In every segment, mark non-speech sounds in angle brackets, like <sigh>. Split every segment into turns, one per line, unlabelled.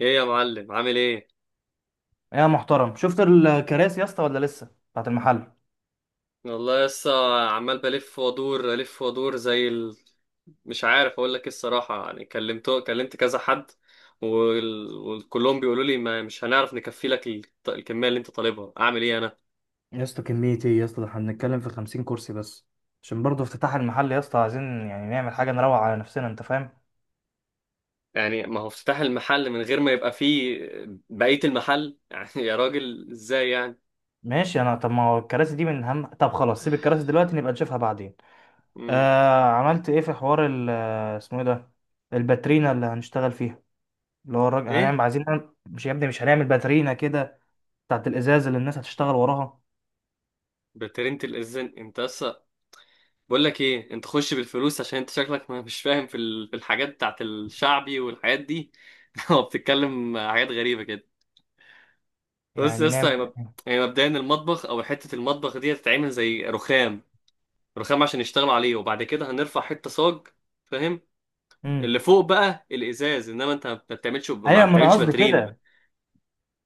ايه يا معلم عامل ايه؟
يا محترم، شفت الكراسي يا اسطى ولا لسه بتاعت المحل؟
والله لسه، عمال بلف وادور الف وادور زي مش عارف اقول لك ايه الصراحه، يعني كلمت كذا حد، وكلهم بيقولوا لي ما مش هنعرف نكفي لك الكميه اللي انت طالبها، اعمل ايه انا؟
يا اسطى كمية ايه يا اسطى؟ ده احنا بنتكلم في 50 كرسي بس، عشان برضه افتتاح المحل يا اسطى، عايزين يعني نعمل حاجة نروق على نفسنا، انت فاهم.
يعني ما هو افتتاح المحل من غير ما يبقى فيه بقيه المحل؟ <laughs> يعني يا راجل ازاي يعني.
ماشي انا، طب ما هو الكراسي دي من هم، طب خلاص سيب الكراسي دلوقتي نبقى نشوفها بعدين.
امم
آه، عملت ايه في حوار ال اسمه ايه ده الباترينا اللي هنشتغل فيها، اللي هو الراجل
ايه؟
هنعمل، عايزين نعمل- مش يا ابني مش هنعمل باترينا كده، بتاعت الازاز اللي الناس هتشتغل وراها.
بترنت الاذن انت بس. بقول لك ايه، انت خش بالفلوس، عشان انت شكلك ما مش فاهم في في الحاجات بتاعت الشعبي والحاجات دي. <laughs> هو بتتكلم حاجات غريبه كده. بص يا
يعني
اسطى، هي
نعمل.
هي مبدئيا المطبخ او المطبخ دي هتتعمل زي رخام، رخام عشان يشتغلوا عليه، وبعد كده هنرفع حته صاج، فاهم؟
امم
اللي فوق بقى الازاز، انما انت ما بتعملش ما
ايوه ما انا
بتعملش
قصدي
باترينا.
كده.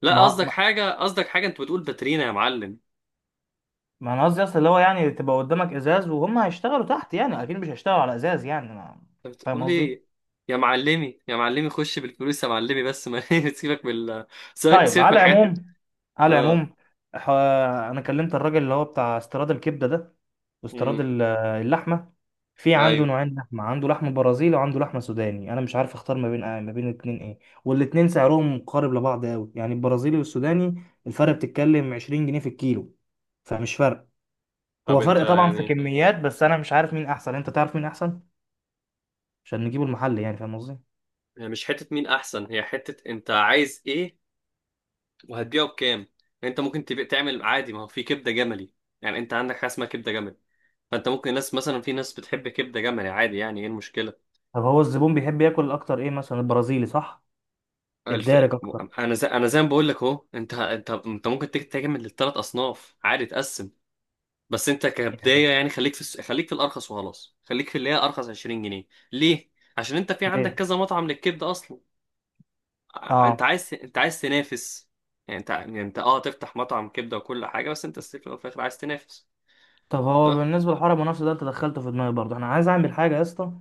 لا، قصدك
ما
حاجه، قصدك حاجه، انت بتقول باترينا يا معلم.
ما انا قصدي اصل اللي هو يعني تبقى قدامك ازاز وهم هيشتغلوا تحت، يعني اكيد مش هيشتغلوا على ازاز، يعني ما،
انت
فاهم
بتقول
قصدي.
ايه؟ يا معلمي يا معلمي خش بالفلوس يا معلمي بس ما <laughs> سيبك بال سيبك،
طيب،
سيبك من
على
الحاجات.
العموم، على
اه.
العموم، ح- انا كلمت الراجل اللي هو بتاع استيراد الكبده ده، واستيراد
امم
اللحمه، في عنده
ايوه.
نوعين لحمه، عنده لحم برازيلي وعنده لحمه سوداني، انا مش عارف اختار ما بين ما بين الاتنين ايه. والاتنين سعرهم قارب لبعض قوي يعني، البرازيلي والسوداني الفرق بتتكلم 20 جنيه في الكيلو، فمش فرق.
طب
هو
انت
فرق طبعا في
يعني،
كميات، بس انا مش عارف مين احسن، انت تعرف مين احسن عشان نجيبه المحل يعني، فاهم قصدي.
هي مش حتة مين احسن، هي حتة انت عايز ايه وهتبيعه بكام يعني. انت ممكن تبيع تعمل عادي، ما هو في كبدة جملي، يعني انت عندك حاجة اسمها كبدة جملي، فانت ممكن ناس مثلا، في ناس بتحب كبدة جملي عادي، يعني ايه المشكلة؟
طب هو الزبون بيحب ياكل اكتر ايه، مثلا البرازيلي صح؟
الف...
الدارج اكتر
انا زي ما بقول لك اهو، انت انت ممكن تعمل للثلاث اصناف عادي، تقسم. بس انت
يعني؟
كبداية يعني خليك في خليك في الارخص وخلاص، خليك في اللي هي ارخص، 20 جنيه. ليه؟ عشان انت في عندك
ليه؟
كذا مطعم للكبدة اصلا. آه،
اه.
انت عايز تنافس. يعني انت، اه، تفتح مطعم كبده وكل حاجه، بس انت ستيل في الأول وفي الاخر عايز تنافس.
طب هو
اه.
بالنسبه لحوار المنافسه ده انت دخلته في دماغي برضه، انا عايز اعمل حاجه يا اسطى،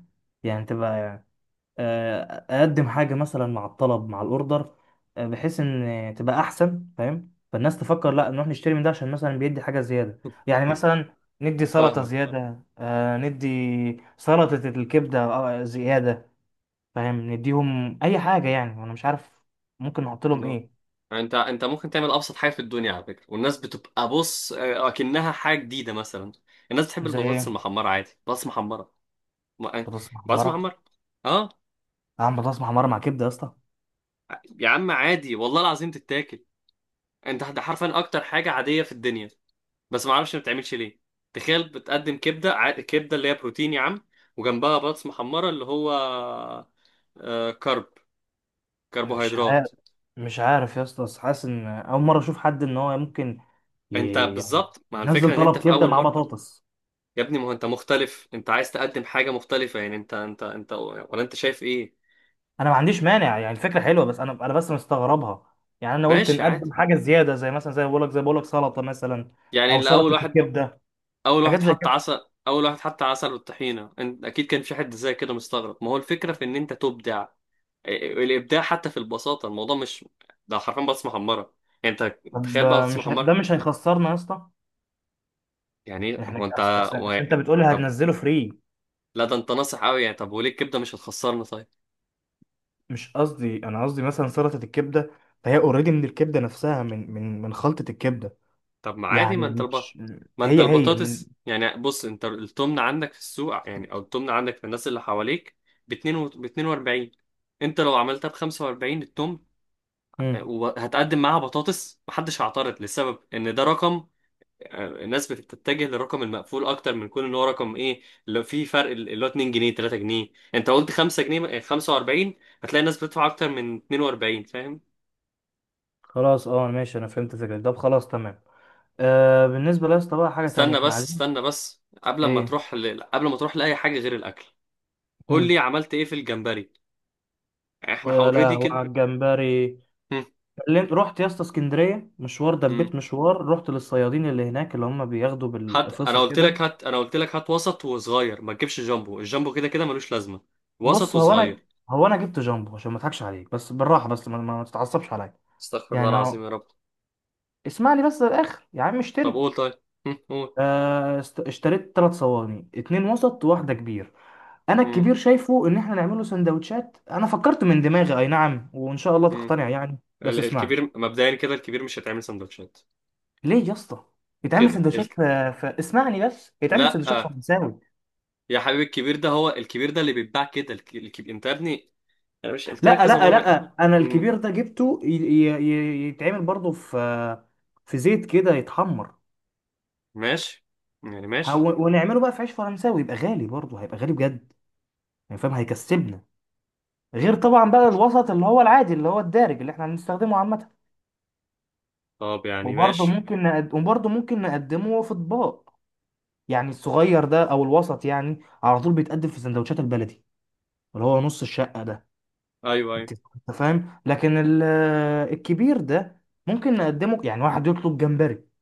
يعني تبقى يعني آه، اقدم حاجه مثلا مع الطلب، مع الاوردر، بحيث ان تبقى احسن، فاهم، فالناس تفكر، لا نروح نشتري من ده عشان مثلا بيدي حاجه زياده. يعني مثلا ندي
<laughs>
سلطه
فاهمك.
زياده، آه، ندي سلطه الكبده، آه، زياده، فاهم، نديهم اي حاجه يعني، انا مش عارف ممكن نحط لهم
اه.
ايه.
انت ممكن تعمل ابسط حاجه في الدنيا على فكره، والناس بتبقى بص، اه، اكنها حاجه جديده مثلا. الناس بتحب
زي
البطاطس
ايه؟
المحمره، عادي بطاطس محمره. آه،
بطاطس
بطاطس
محمره؟
محمره. اه.
اعمل بطاطس محمره مع كبده يا اسطى؟
يا عم عادي والله العظيم تتاكل، انت ده حرفيا اكتر حاجه عاديه في الدنيا، بس ما اعرفش ما بتعملش ليه. تخيل بتقدم كبده كبده اللي هي بروتين يا عم، وجنبها بطاطس محمره اللي هو، آه،
مش
كربوهيدرات.
عارف، مش عارف يا اسطى، بس حاسس ان اول مره اشوف حد ان هو ممكن،
انت
يعني
بالظبط مع
ينزل
الفكره ان انت
طلب
في
كبده
اول
مع
مره.
بطاطس.
يا ابني ما هو انت مختلف، انت عايز تقدم حاجه مختلفه، يعني انت ولا انت شايف ايه؟
انا ما عنديش مانع يعني، الفكره حلوه، بس انا بس مستغربها. يعني انا قلت
ماشي عادي.
نقدم حاجه زياده زي مثلا، زي بقول لك، زي بقول لك سلطه مثلا،
يعني
او
الاول
سلطه
واحد،
الكبده،
اول
حاجات
واحد
زي
حط
كده.
عسل، اول واحد حط عسل والطحينه، انت اكيد كان في حد زي كده مستغرب، ما هو الفكره في ان انت تبدع، الابداع حتى في البساطه، الموضوع مش، ده حرفيا بطاطس محمره. يعني انت
طب
تخيل بقى بطاطس
مش هي- ده
محمره.
مش هيخسرنا يا اسطى؟
يعني إيه؟
احنا
هو انت، و...
انت بتقول
طب
هتنزله فري.
لا، ده انت ناصح قوي يعني. طب وليه الكبده مش هتخسرنا طيب؟
مش قصدي، انا قصدي مثلا سلطه الكبده، فهي اوريدي من الكبده نفسها، من خلطه الكبده،
طب ما عادي،
يعني مش،
ما انت
هي هي من.
البطاطس يعني، بص انت التمن عندك في السوق يعني، او التمن عندك في الناس اللي حواليك ب ب 42. انت لو عملتها ب 45 التمن
مم.
وهتقدم معاها بطاطس، محدش هيعترض، لسبب ان ده رقم، آه، الناس بتتجه للرقم المقفول اكتر من كون ان هو رقم ايه. لو في فرق اللي هو 2 جنيه 3 جنيه، انت قلت 5 جنيه 45، هتلاقي الناس بتدفع اكتر من 42، فاهم؟
خلاص اه ماشي، انا فهمت فكرة، طب خلاص تمام. آه، بالنسبه لاسطى بقى، حاجه تانية
استنى
احنا
بس،
عايزين
استنى بس، قبل ما
ايه.
قبل ما تروح لاي حاجه غير الاكل، قول
مم.
لي عملت ايه في الجمبري؟ احنا
يا
اوريدي
لهوي
كده.
على الجمبري.
هم،
كلمت، رحت يا اسطى اسكندريه مشوار،
هم.
دبيت مشوار، رحت للصيادين اللي هناك اللي هم بياخدوا
هات انا
بالقفصه
قلت
كده.
لك هات انا قلت لك هات وسط وصغير، ما تجيبش جامبو، الجامبو كده كده ملوش لازمه، وسط
بص هو انا،
وصغير.
هو انا جبت جامبو، عشان ما اضحكش عليك، بس بالراحه، بس ما تتعصبش عليا،
استغفر الله
يعني هو،
العظيم يا رب.
اسمع لي بس للاخر يا عم
طب
اشتري.
قول طيب. هم، قول.
اشتريت ثلاث صواني، اتنين وسط وواحده كبير. انا
هم،
الكبير شايفه ان احنا نعمله سندوتشات، انا فكرت من دماغي اي نعم، وان شاء الله
هم.
تقتنع يعني بس اسمعني.
الكبير مبدئيا كده الكبير مش هيتعمل سندوتشات.
ليه يا اسطى؟ يتعمل
كده ال...
سندوتشات اسمعني بس، يتعمل
لا
سندوتشات فرنساوي.
يا حبيبي، الكبير ده، هو الكبير ده اللي بيتباع كده، الكبير، انت يا ابني انا مش قلت لك
لا
كذا
لا
مره.
لا، انا
امم
الكبير ده جبته يتعمل برضه في في زيت كده يتحمر.
ماشي، يعني ماشي.
ونعمله بقى في عيش فرنساوي، يبقى غالي برضه، هيبقى غالي بجد، يعني فاهم، هيكسبنا، غير طبعا بقى الوسط اللي هو العادي، اللي هو الدارج اللي احنا بنستخدمه عامة.
طب يعني
وبرضه
ماشي.
وبرضه ممكن نقدمه في اطباق، يعني الصغير ده او الوسط يعني، على طول بيتقدم في سندوتشات البلدي اللي هو نص الشقة ده،
ايوه ايوه.
انت فاهم. لكن الكبير ده ممكن نقدمه، يعني واحد يطلب جمبري،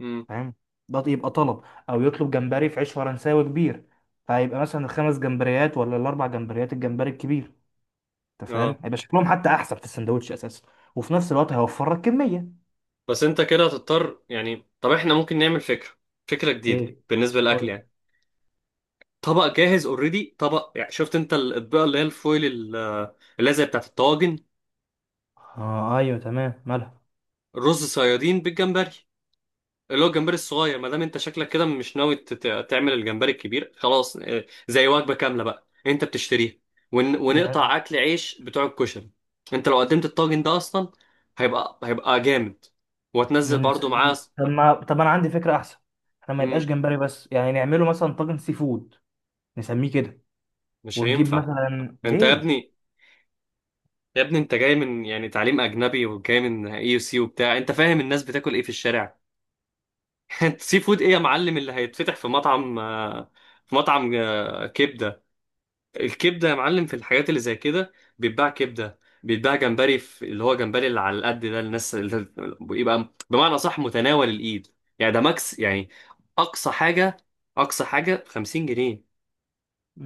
امم
فاهم، ده يبقى طلب، او يطلب جمبري في عيش فرنساوي كبير، فهيبقى مثلا الخمس جمبريات ولا الاربع جمبريات الجمبري الكبير، انت فاهم،
اه.
هيبقى شكلهم حتى احسن في السندوتش اساسا، وفي نفس الوقت هيوفر لك كمية.
بس انت كده هتضطر يعني، طب احنا ممكن نعمل فكره، فكره جديده
ايه؟
بالنسبه للاكل
قول.
يعني. طبق جاهز اوريدي، طبق يعني، شفت انت الاطباق اللي هي الفويل اللي هي زي بتاعت الطواجن،
اه ايوه تمام، مالها؟
رز صيادين بالجمبري، اللي هو الجمبري الصغير، ما دام انت شكلك كده مش ناوي تعمل الجمبري الكبير خلاص، اه، زي وجبه كامله بقى انت بتشتريها،
يعني
ونقطع اكل عيش بتوع الكشري. انت لو قدمت الطاجن ده اصلا، هيبقى جامد، وهتنزل
نن-
برضو معاه
طب ما طب انا عندي فكره احسن، احنا ما يبقاش
مم.
جمبري بس، يعني نعمله مثلا طاجن سي فود، نسميه كده،
مش
ونجيب
هينفع.
مثلا
انت يا
ليه.
ابني، يا ابني انت جاي من يعني تعليم اجنبي وجاي من اي يو سي وبتاع، انت فاهم الناس بتاكل ايه في الشارع؟ <laughs> انت سي فود ايه يا معلم اللي هيتفتح في مطعم، اه، في مطعم، اه، كبده؟ الكبده يا معلم في الحاجات اللي زي كده، بيتباع كبده، بيتباع جمبري في اللي هو جمبري اللي على القد ده، الناس اللي <laughs> بيبقى بمعنى صح متناول الايد، يعني ده ماكس يعني، اقصى حاجه، اقصى حاجه 50 جنيه.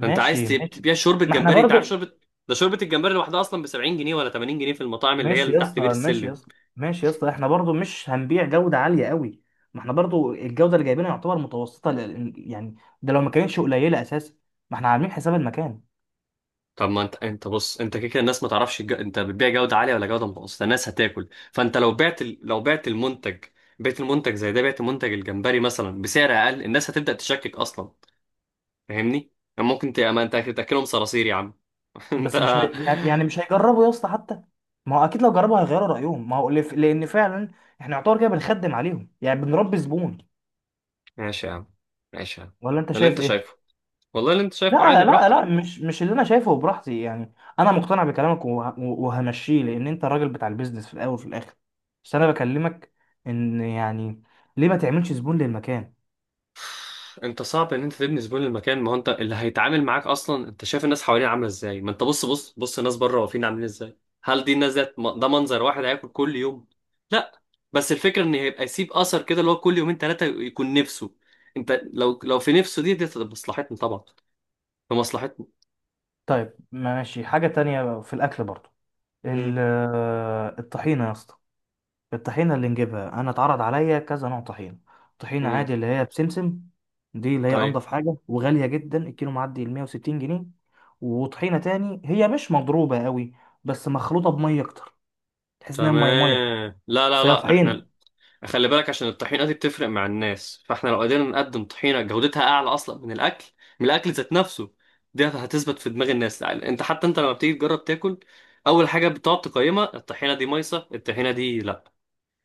فانت عايز
ماشي.
تبيع شوربه
ما احنا
جمبري؟ انت عارف
برضو.
شوربه، ده شوربه الجمبري لوحدها اصلا ب 70 جنيه ولا 80 جنيه في المطاعم اللي هي
ماشي
اللي
يا
تحت بير
اسطى، ماشي يا
السلم.
اسطى، ماشي يا اسطى، احنا برضو مش هنبيع جوده عاليه قوي، ما احنا برضو الجوده اللي جايبينها يعتبر متوسطه يعني ده لو ما كانتش قليله اساسا، ما احنا عاملين حساب المكان.
طب ما انت انت بص، انت كده كده الناس ما تعرفش انت بتبيع جوده عاليه ولا جوده متوسطه، الناس هتاكل. فانت لو بعت لو بعت المنتج، بعت المنتج زي ده، بعت منتج الجمبري مثلا بسعر اقل، الناس هتبدا تشكك اصلا، فاهمني؟ يعني ممكن ما انت تاكلهم صراصير يا عم. <laughs> انت.
بس مش هي... يعني مش هيجربوا يا اسطى حتى، ما هو اكيد لو جربوا هيغيروا رايهم، ما هو لان فعلا احنا يعتبر كده بنخدم عليهم، يعني بنربي زبون.
ماشي يا عم، ماشي يا عم،
ولا انت
اللي
شايف
انت
ايه؟
شايفه، والله اللي انت شايفه عادي،
لا لا
براحتك.
لا، مش اللي انا شايفه براحتي يعني، انا مقتنع بكلامك وهمشيه، لان انت الراجل بتاع البيزنس في الاول وفي الاخر، بس انا بكلمك ان يعني ليه ما تعملش زبون للمكان.
انت صعب ان انت تبني زبون للمكان، ما هو انت اللي هيتعامل معاك اصلا، انت شايف الناس حواليه عامله ازاي؟ ما انت بص الناس بره واقفين عاملين ازاي، هل دي الناس ذات، ده منظر واحد هياكل كل يوم؟ لا. بس الفكره ان هيبقى يسيب اثر كده، اللي هو كل يومين ثلاثه يكون نفسه، انت لو لو في نفسه، دي تبقى مصلحتنا طبعا، في مصلحتنا.
طيب ماشي، حاجه تانية في الاكل برضو،
امم
ال... الطحينه يا اسطى. الطحينة اللي نجيبها، أنا اتعرض عليا كذا نوع طحينة. طحينة
امم
عادي اللي هي بسمسم، دي اللي هي
ايوه
أنضف حاجة وغالية جدا، الكيلو معدي ال 160 جنيه. وطحينة تاني هي مش مضروبة قوي، بس مخلوطة بمية أكتر، تحس إنها مية مية،
تمام. لا لا
بس هي
لا
طحينة.
احنا خلي بالك، عشان الطحينة دي بتفرق مع الناس، فاحنا لو قدرنا نقدم طحينة جودتها أعلى أصلا من الأكل، من الأكل ذات نفسه، دي هتثبت في دماغ الناس. يعني أنت، حتى أنت لما بتيجي تجرب تاكل، أول حاجة بتقعد تقيمها الطحينة، دي مايصة الطحينة دي، لأ،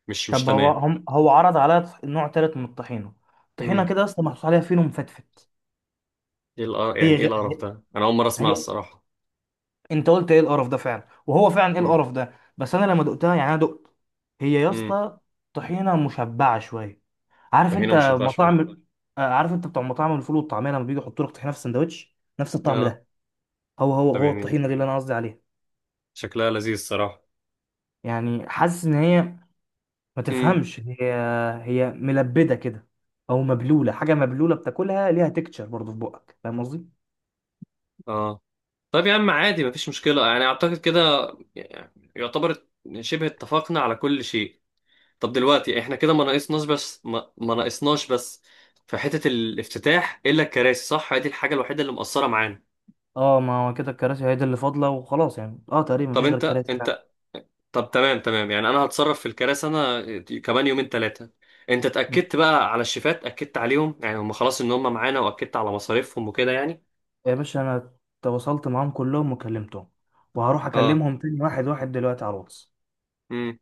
مش
طب هو
تمام.
هم هو عرض عليا نوع تالت من الطحينة، طحينة
امم
كده أصلا محطوط عليها فينو مفتفت.
إيه القرف
هي
يعني،
غ...
إيه
هي
القرف ده؟ أنا أول مرة أسمعها
هي-
الصراحة.
أنت قلت إيه القرف ده، فعلا وهو فعلا إيه
امم
القرف ده. بس أنا لما دقتها، يعني أنا دقت، هي يا
امم
اسطى طحينة مشبعة شوية. عارف
طحينة
انت
مشبعة شوية.
مطاعم، آه، عارف انت بتوع مطاعم الفول والطعميه لما بيجوا يحطوا لك طحينه في السندوتش نفس الطعم
آه.
ده. هو هو
طب
هو
يعني
الطحينه دي اللي انا قصدي عليها.
شكلها لذيذ الصراحة.
يعني حاسس ان هي، ما
امم
تفهمش، هي هي ملبده كده، او مبلوله، حاجه مبلوله بتاكلها ليها تكتشر برضه في بقك، فاهم قصدي.
آه. طب يا عم عادي مفيش مشكلة، يعني أعتقد كده، يعني يعتبر شبه اتفقنا على كل شيء. طب دلوقتي احنا كده ما ناقصناش بس ما ناقصناش بس، في حتة الافتتاح الا الكراسي، صح؟ هي دي الحاجة الوحيدة اللي مقصرة معانا.
اه، ما هو كده الكراسي هي دي اللي فاضله وخلاص، يعني اه تقريبا
طب
مفيش غير
انت
الكراسي فعلا.
انت، طب تمام تمام، يعني انا هتصرف في الكراسي انا، كمان يومين ثلاثة. انت اتأكدت
ماشي
بقى على الشيفات، اكدت عليهم يعني هم خلاص ان هم معانا، واكدت على مصاريفهم وكده يعني؟
يا باشا، انا تواصلت معاهم كلهم وكلمتهم، وهروح
اه.
اكلمهم تاني واحد واحد دلوقتي على الواتس.
امم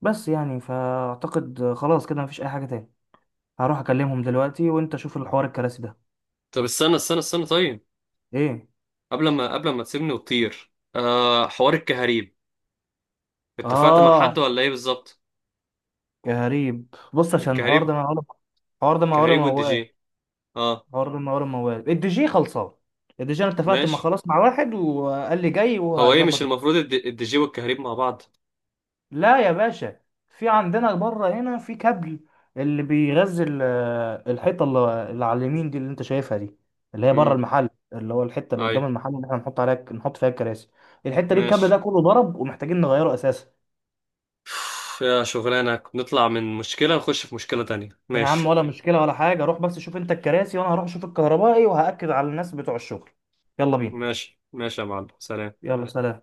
بس يعني فاعتقد خلاص كده مفيش اي حاجه تاني، هروح اكلمهم دلوقتي، وانت شوف الحوار الكراسي ده.
طب استنى طيب،
ايه؟
قبل ما تسيبني وتطير، آه حوار الكهاريب، اتفقت مع
اه
حد ولا ايه بالظبط؟
غريب، بص عشان الحوار
الكهاريب،
ده معقول، الحوار ده معقول
الكهاريب والدي
موال،
جي. اه
الحوار ده معقول موال، الدي جي خلصان. الدي جي انا اتفقت مع،
ماشي.
خلاص مع واحد، وقال لي جاي
هو ايه مش
وهيظبط
المفروض الديجي والكهريب مع بعض؟
لا يا باشا، في عندنا بره هنا في كابل اللي بيغذي الحيطه اللي على اليمين دي اللي انت شايفها دي، اللي هي بره
امم
المحل، اللي هو الحته اللي
اي.
قدام المحل اللي احنا نحط عليها، نحط فيها الكراسي، الحته دي الكابل ده
ماشي.
كله ضرب ومحتاجين نغيره اساسا.
<sighs> يا شغلانة، نطلع من مشكلة نخش في مشكلة تانية.
يا عم
ماشي
ولا مشكلة ولا حاجة، روح بس شوف انت الكراسي، وانا هروح اشوف الكهربائي وهأكد على الناس بتوع الشغل. يلا بينا.
ماشي، ماشي يا معلم، سلام.
يلا سلام.